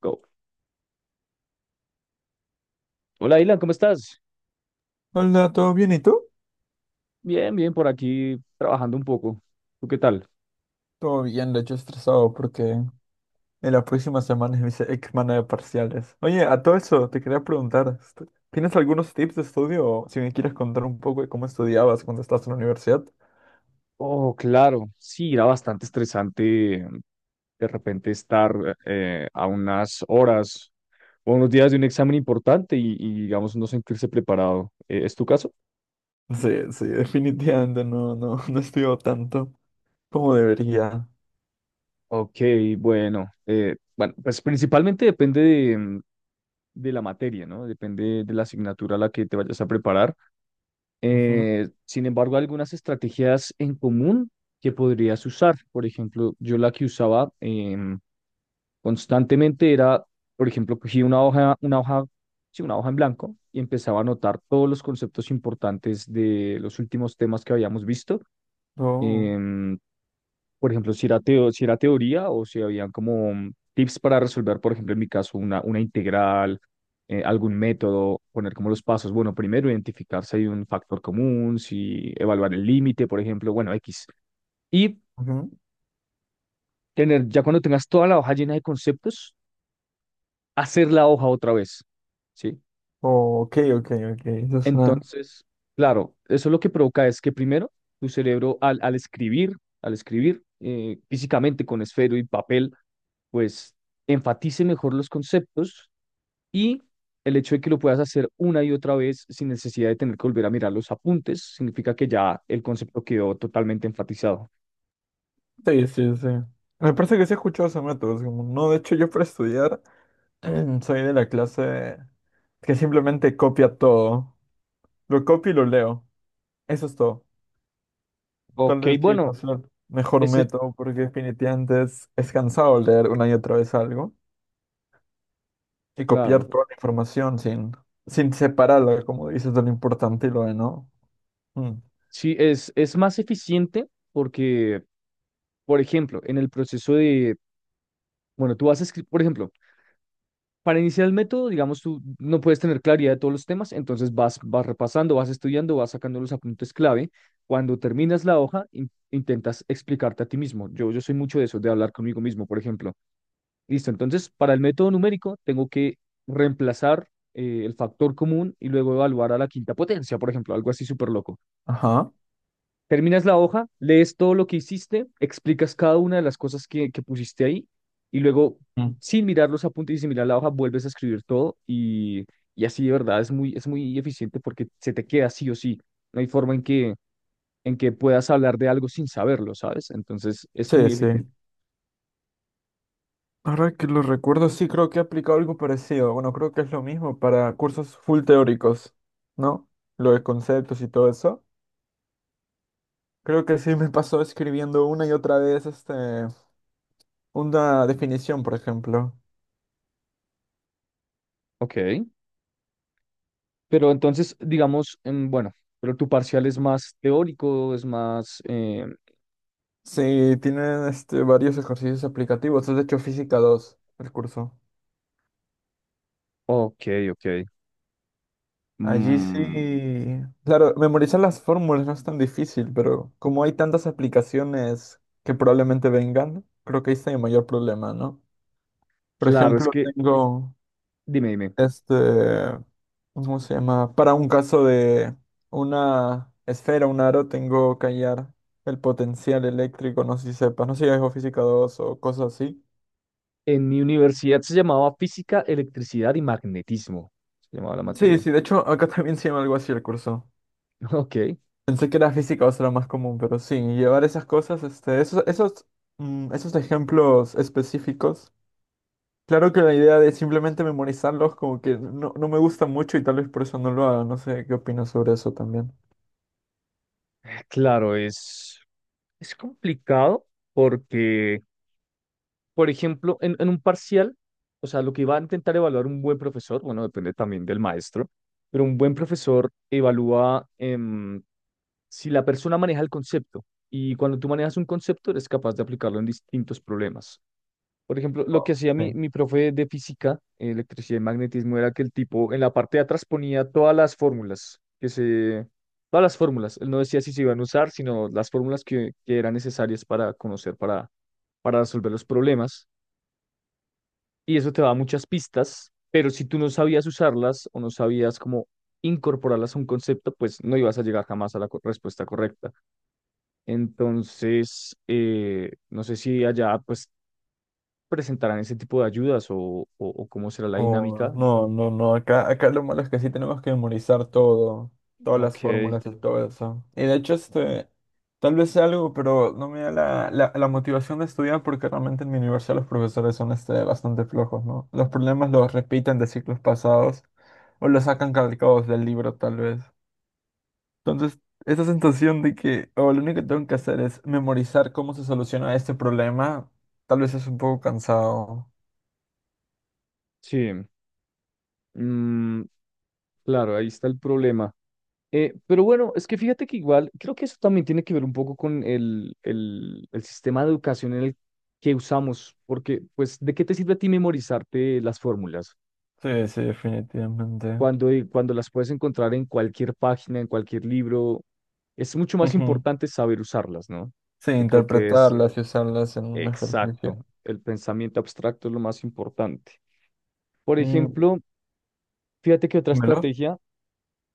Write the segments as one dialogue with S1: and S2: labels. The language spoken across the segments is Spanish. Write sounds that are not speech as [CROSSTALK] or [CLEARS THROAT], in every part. S1: Go. Hola, Ilan, ¿cómo estás?
S2: Hola, ¿todo bien? ¿Y tú?
S1: Bien, bien, por aquí trabajando un poco. ¿Tú qué tal?
S2: Todo bien, de hecho estresado porque en la próxima semana es mi semana de parciales. Oye, a todo eso te quería preguntar, ¿tienes algunos tips de estudio o si me quieres contar un poco de cómo estudiabas cuando estabas en la universidad?
S1: Oh, claro, sí, era bastante estresante de repente estar a unas horas o unos días de un examen importante y, digamos, no sentirse preparado. ¿Es tu caso?
S2: Sí, sí, [LAUGHS] definitivamente no estudio tanto como debería.
S1: Ok, bueno, bueno, pues principalmente depende de la materia, ¿no? Depende de la asignatura a la que te vayas a preparar.
S2: Ujú.
S1: Sin embargo, algunas estrategias en común que podrías usar. Por ejemplo, yo la que usaba constantemente era, por ejemplo, cogía una hoja, sí, una hoja en blanco y empezaba a anotar todos los conceptos importantes de los últimos temas que habíamos visto.
S2: Oh,
S1: Em, por ejemplo, si era teoría o si habían como tips para resolver, por ejemplo, en mi caso, una integral, algún método, poner como los pasos. Bueno, primero identificar si hay un factor común, si evaluar el límite, por ejemplo, bueno, X. Y
S2: ujú.
S1: tener, ya cuando tengas toda la hoja llena de conceptos, hacer la hoja otra vez, ¿sí?
S2: Oh, ok, ok, ok. Eso suena.
S1: Entonces, claro, eso lo que provoca es que primero tu cerebro al escribir físicamente con esfero y papel, pues enfatice mejor los conceptos y el hecho de que lo puedas hacer una y otra vez sin necesidad de tener que volver a mirar los apuntes, significa que ya el concepto quedó totalmente enfatizado.
S2: Sí, sí, sí. Me parece que sí he escuchado ese método. Es como, no, de hecho yo para estudiar [CLEARS THROAT] soy de la clase que simplemente copia todo. Lo copio y lo leo. Eso es todo. Tal
S1: Ok,
S2: vez sí, no
S1: bueno,
S2: sea el mejor
S1: ese,
S2: método porque definitivamente es cansado leer una y otra vez algo y copiar
S1: claro,
S2: toda la información sin, separarla, como dices, de lo importante y lo de no. Mm.
S1: sí, es más eficiente porque, por ejemplo, en el proceso de, bueno, tú vas a escribir, por ejemplo, para iniciar el método, digamos, tú no puedes tener claridad de todos los temas, entonces vas repasando, vas estudiando, vas sacando los apuntes clave. Cuando terminas la hoja, intentas explicarte a ti mismo. Yo soy mucho de eso, de hablar conmigo mismo, por ejemplo. Listo, entonces, para el método numérico, tengo que reemplazar el factor común y luego evaluar a la quinta potencia, por ejemplo, algo así súper loco.
S2: Ajá.
S1: Terminas la hoja, lees todo lo que hiciste, explicas cada una de las cosas que pusiste ahí y luego,
S2: Mm.
S1: sin mirar los apuntes y sin mirar la hoja, vuelves a escribir todo y así de verdad es muy eficiente porque se te queda sí o sí. No hay forma en que puedas hablar de algo sin saberlo, ¿sabes? Entonces es
S2: Sí,
S1: muy eficiente.
S2: sí. Ahora que lo recuerdo, sí creo que he aplicado algo parecido. Bueno, creo que es lo mismo para cursos full teóricos, ¿no? Lo de conceptos y todo eso. Creo que sí me pasó escribiendo una y otra vez una definición, por ejemplo.
S1: Ok, pero entonces, digamos, bueno, pero tu parcial es más teórico, es más,
S2: Sí, tienen varios ejercicios aplicativos. Es de hecho física 2 el curso.
S1: ok, ok.
S2: Allí
S1: Mm,
S2: sí. Claro, memorizar las fórmulas no es tan difícil, pero como hay tantas aplicaciones que probablemente vengan, creo que ahí está mi mayor problema, ¿no? Por
S1: claro, es
S2: ejemplo,
S1: que,
S2: tengo.
S1: dime, dime.
S2: este, ¿Cómo se llama? Para un caso de una esfera, un aro, tengo que hallar el potencial eléctrico, no sé si sepas, no sé si es o física 2 o cosas así.
S1: En mi universidad se llamaba física, electricidad y magnetismo. Se llamaba la
S2: Sí,
S1: materia.
S2: sí, de hecho acá también se llama algo así el curso.
S1: [LAUGHS] Ok.
S2: Pensé que era física 2 era más común, pero sí, llevar esas cosas, esos ejemplos específicos. Claro que la idea de simplemente memorizarlos como que no, no me gusta mucho y tal vez por eso no lo haga. No sé qué opinas sobre eso también.
S1: Claro, es complicado porque, por ejemplo, en un parcial, o sea, lo que va a intentar evaluar un buen profesor, bueno, depende también del maestro, pero un buen profesor evalúa si la persona maneja el concepto. Y cuando tú manejas un concepto, eres capaz de aplicarlo en distintos problemas. Por ejemplo, lo que
S2: Oh,
S1: hacía
S2: sí.
S1: mi profe de física, electricidad y magnetismo, era que el tipo en la parte de atrás ponía todas las fórmulas. Él no decía si se iban a usar, sino las fórmulas que eran necesarias para conocer, para resolver los problemas. Y eso te da muchas pistas, pero si tú no sabías usarlas o no sabías cómo incorporarlas a un concepto, pues no ibas a llegar jamás a la respuesta correcta. Entonces, no sé si allá pues presentarán ese tipo de ayudas o cómo será la
S2: Oh,
S1: dinámica.
S2: no, no, no. Acá lo malo es que sí tenemos que memorizar todo, todas las
S1: Ok,
S2: fórmulas y todo eso. Y de hecho, tal vez sea algo, pero no me da la motivación de estudiar porque realmente en mi universidad los profesores son bastante flojos, ¿no? Los problemas los repiten de ciclos pasados o los sacan calcados del libro, tal vez. Entonces, esa sensación de que, oh, lo único que tengo que hacer es memorizar cómo se soluciona este problema, tal vez es un poco cansado.
S1: sí. Mm, claro, ahí está el problema. Pero bueno, es que fíjate que igual, creo que eso también tiene que ver un poco con el sistema de educación en el que usamos, porque pues, ¿de qué te sirve a ti memorizarte las fórmulas?
S2: Sí, sí, definitivamente.
S1: Cuando las puedes encontrar en cualquier página, en cualquier libro, es mucho más
S2: Ujú.
S1: importante saber usarlas, ¿no?
S2: Sí,
S1: Que creo que es
S2: interpretarlas y usarlas en un
S1: exacto.
S2: ejercicio.
S1: El pensamiento abstracto es lo más importante. Por
S2: Mm,
S1: ejemplo, fíjate que otra
S2: ¿me lo?
S1: estrategia,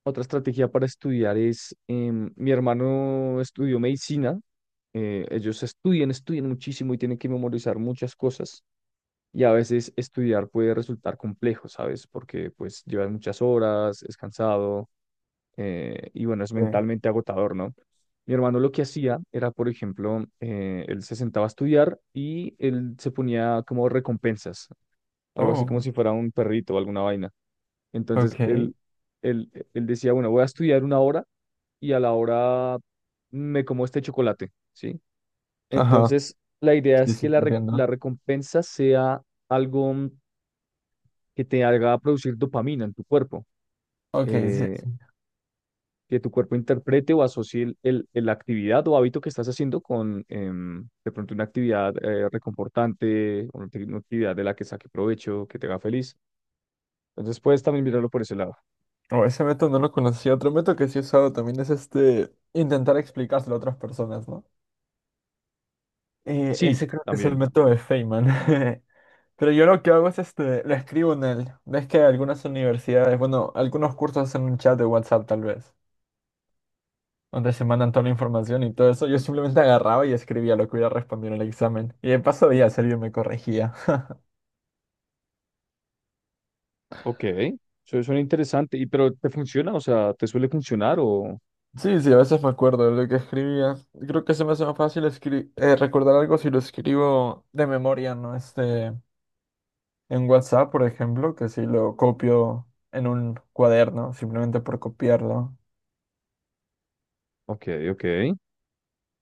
S1: otra estrategia para estudiar es, mi hermano estudió medicina, ellos estudian muchísimo y tienen que memorizar muchas cosas y a veces estudiar puede resultar complejo, ¿sabes? Porque pues llevas muchas horas, es cansado y bueno, es
S2: Sí.
S1: mentalmente agotador, ¿no? Mi hermano lo que hacía era, por ejemplo, él se sentaba a estudiar y él se ponía como recompensas, algo así como
S2: Oh,
S1: si fuera un perrito o alguna vaina. Entonces
S2: ok.
S1: él decía, bueno, voy a estudiar una hora y a la hora me como este chocolate, ¿sí?
S2: Ajá,
S1: Entonces la idea
S2: sí,
S1: es que
S2: sí, te entiendo.
S1: la recompensa sea algo, que te haga producir dopamina en tu cuerpo,
S2: Ok, sí,
S1: eh,
S2: sí.
S1: que tu cuerpo interprete o asocie la actividad o hábito que estás haciendo con, de pronto una actividad reconfortante, una actividad de la que saque provecho, que te haga feliz. Entonces puedes también mirarlo por ese lado.
S2: Oh, ese método no lo conocía. Otro método que sí he usado también es intentar explicárselo a otras personas, ¿no?
S1: Sí,
S2: Ese creo que es el
S1: también.
S2: método de Feynman. [LAUGHS] Pero yo lo que hago es lo escribo en el. Ves que algunas universidades, bueno, algunos cursos hacen un chat de WhatsApp tal vez. Donde se mandan toda la información y todo eso, yo simplemente agarraba y escribía lo que hubiera respondido en el examen. Y de paso días alguien me corregía. [LAUGHS]
S1: Ok, eso suena interesante. ¿Y pero te funciona? O sea, ¿te suele funcionar o...?
S2: Sí, sí, a veces me acuerdo de lo que escribía. Creo que se me hace más fácil recordar algo si lo escribo de memoria, ¿no? En WhatsApp, por ejemplo, que si lo copio en un cuaderno, simplemente por copiarlo.
S1: Ok, ok.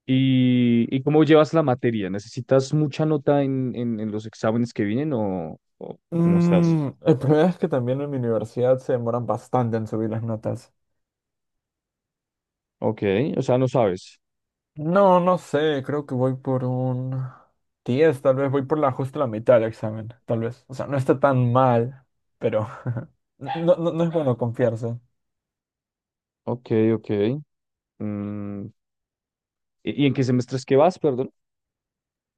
S1: ¿Y cómo llevas la materia? ¿Necesitas mucha nota en los exámenes que vienen o cómo estás?
S2: Mm, el problema es que también en mi universidad se demoran bastante en subir las notas.
S1: Ok, o sea, no sabes.
S2: No, no sé, creo que voy por un 10, tal vez voy por la justo la mitad del examen, tal vez. O sea, no está tan mal, pero [LAUGHS] no es bueno confiarse.
S1: Ok, ok. Mm, ¿y en qué semestres que vas, perdón?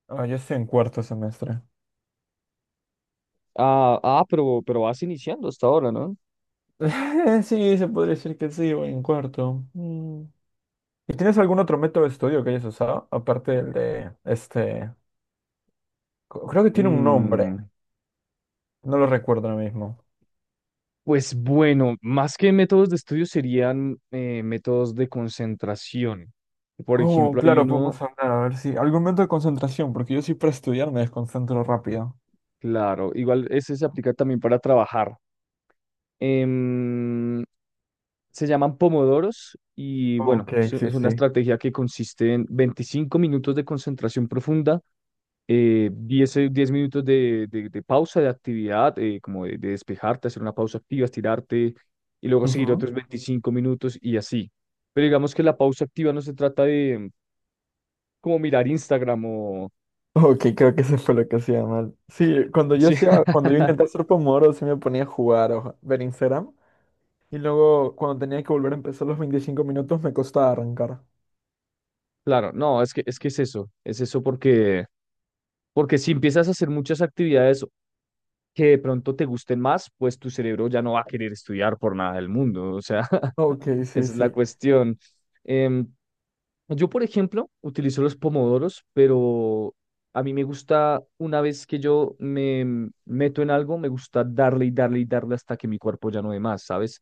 S2: Ah, yo estoy en cuarto semestre.
S1: Ah, ah, pero vas iniciando hasta ahora, ¿no?
S2: [LAUGHS] Sí, se podría decir que sí, voy en cuarto. Mm. ¿Y tienes algún otro método de estudio que hayas usado? Aparte del de creo que tiene un nombre,
S1: Mm,
S2: no lo recuerdo ahora mismo.
S1: pues bueno, más que métodos de estudio serían métodos de concentración. Por
S2: Oh,
S1: ejemplo, hay
S2: claro,
S1: uno.
S2: podemos hablar, a ver si algún método de concentración, porque yo sí para estudiar me desconcentro rápido.
S1: Claro, igual ese se aplica también para trabajar. Em, Se llaman pomodoros y bueno,
S2: Ok,
S1: es
S2: sí,
S1: es una
S2: sí.
S1: estrategia que consiste en 25 minutos de concentración profunda, 10 10 minutos de pausa de actividad, como de despejarte, hacer una pausa activa, estirarte y luego seguir otros 25 minutos y así. Pero digamos que la pausa activa no se trata de como mirar Instagram o...
S2: Ok, creo que eso fue lo que hacía mal. Sí,
S1: [LAUGHS] Sí,
S2: cuando yo intentaba hacer Pomodoro, sí me ponía a jugar o ver Instagram. Y luego, cuando tenía que volver a empezar los 25 minutos, me costaba arrancar.
S1: claro, no, es que es eso porque si empiezas a hacer muchas actividades que de pronto te gusten más, pues tu cerebro ya no va a querer estudiar por nada del mundo. O sea, [LAUGHS]
S2: Ok, sí,
S1: esa es la
S2: sí.
S1: cuestión. Em, yo, por ejemplo, utilizo los pomodoros, pero a mí me gusta, una vez que yo me meto en algo, me gusta darle y darle y darle hasta que mi cuerpo ya no dé más, ¿sabes?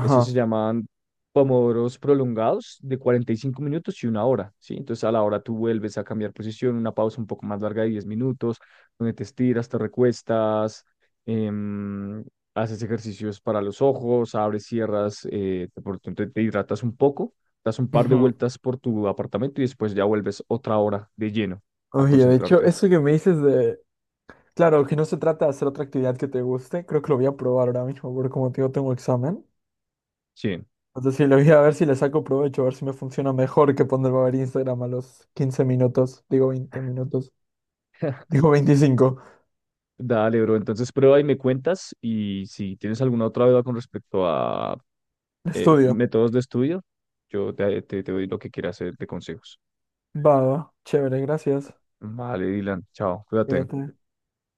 S1: Eso se llaman pomodoros prolongados de 45 minutos y una hora, ¿sí? Entonces a la hora tú vuelves a cambiar posición, una pausa un poco más larga de 10 minutos, donde te estiras, te recuestas, em, haces ejercicios para los ojos, abres, cierras, te, por tanto, te hidratas un poco, das un par de
S2: Ujú.
S1: vueltas por tu apartamento y después ya vuelves otra hora de lleno a
S2: Oye, de hecho,
S1: concentrarte.
S2: eso que me dices de... Claro, que no se trata de hacer otra actividad que te guste. Creo que lo voy a probar ahora mismo, porque como te digo, tengo examen.
S1: Sí.
S2: Entonces, sí, lo voy a ver si le saco provecho, a ver si me funciona mejor que ponerme a ver Instagram a los 15 minutos. Digo 20 minutos.
S1: [LAUGHS]
S2: Digo 25.
S1: Dale, bro. Entonces prueba y me cuentas y si tienes alguna otra duda con respecto a
S2: Estudio.
S1: métodos de estudio. Yo te doy lo que quieras de consejos.
S2: Va, va. Chévere, gracias.
S1: Vale, Dylan, chao, cuídate.
S2: Cuídate.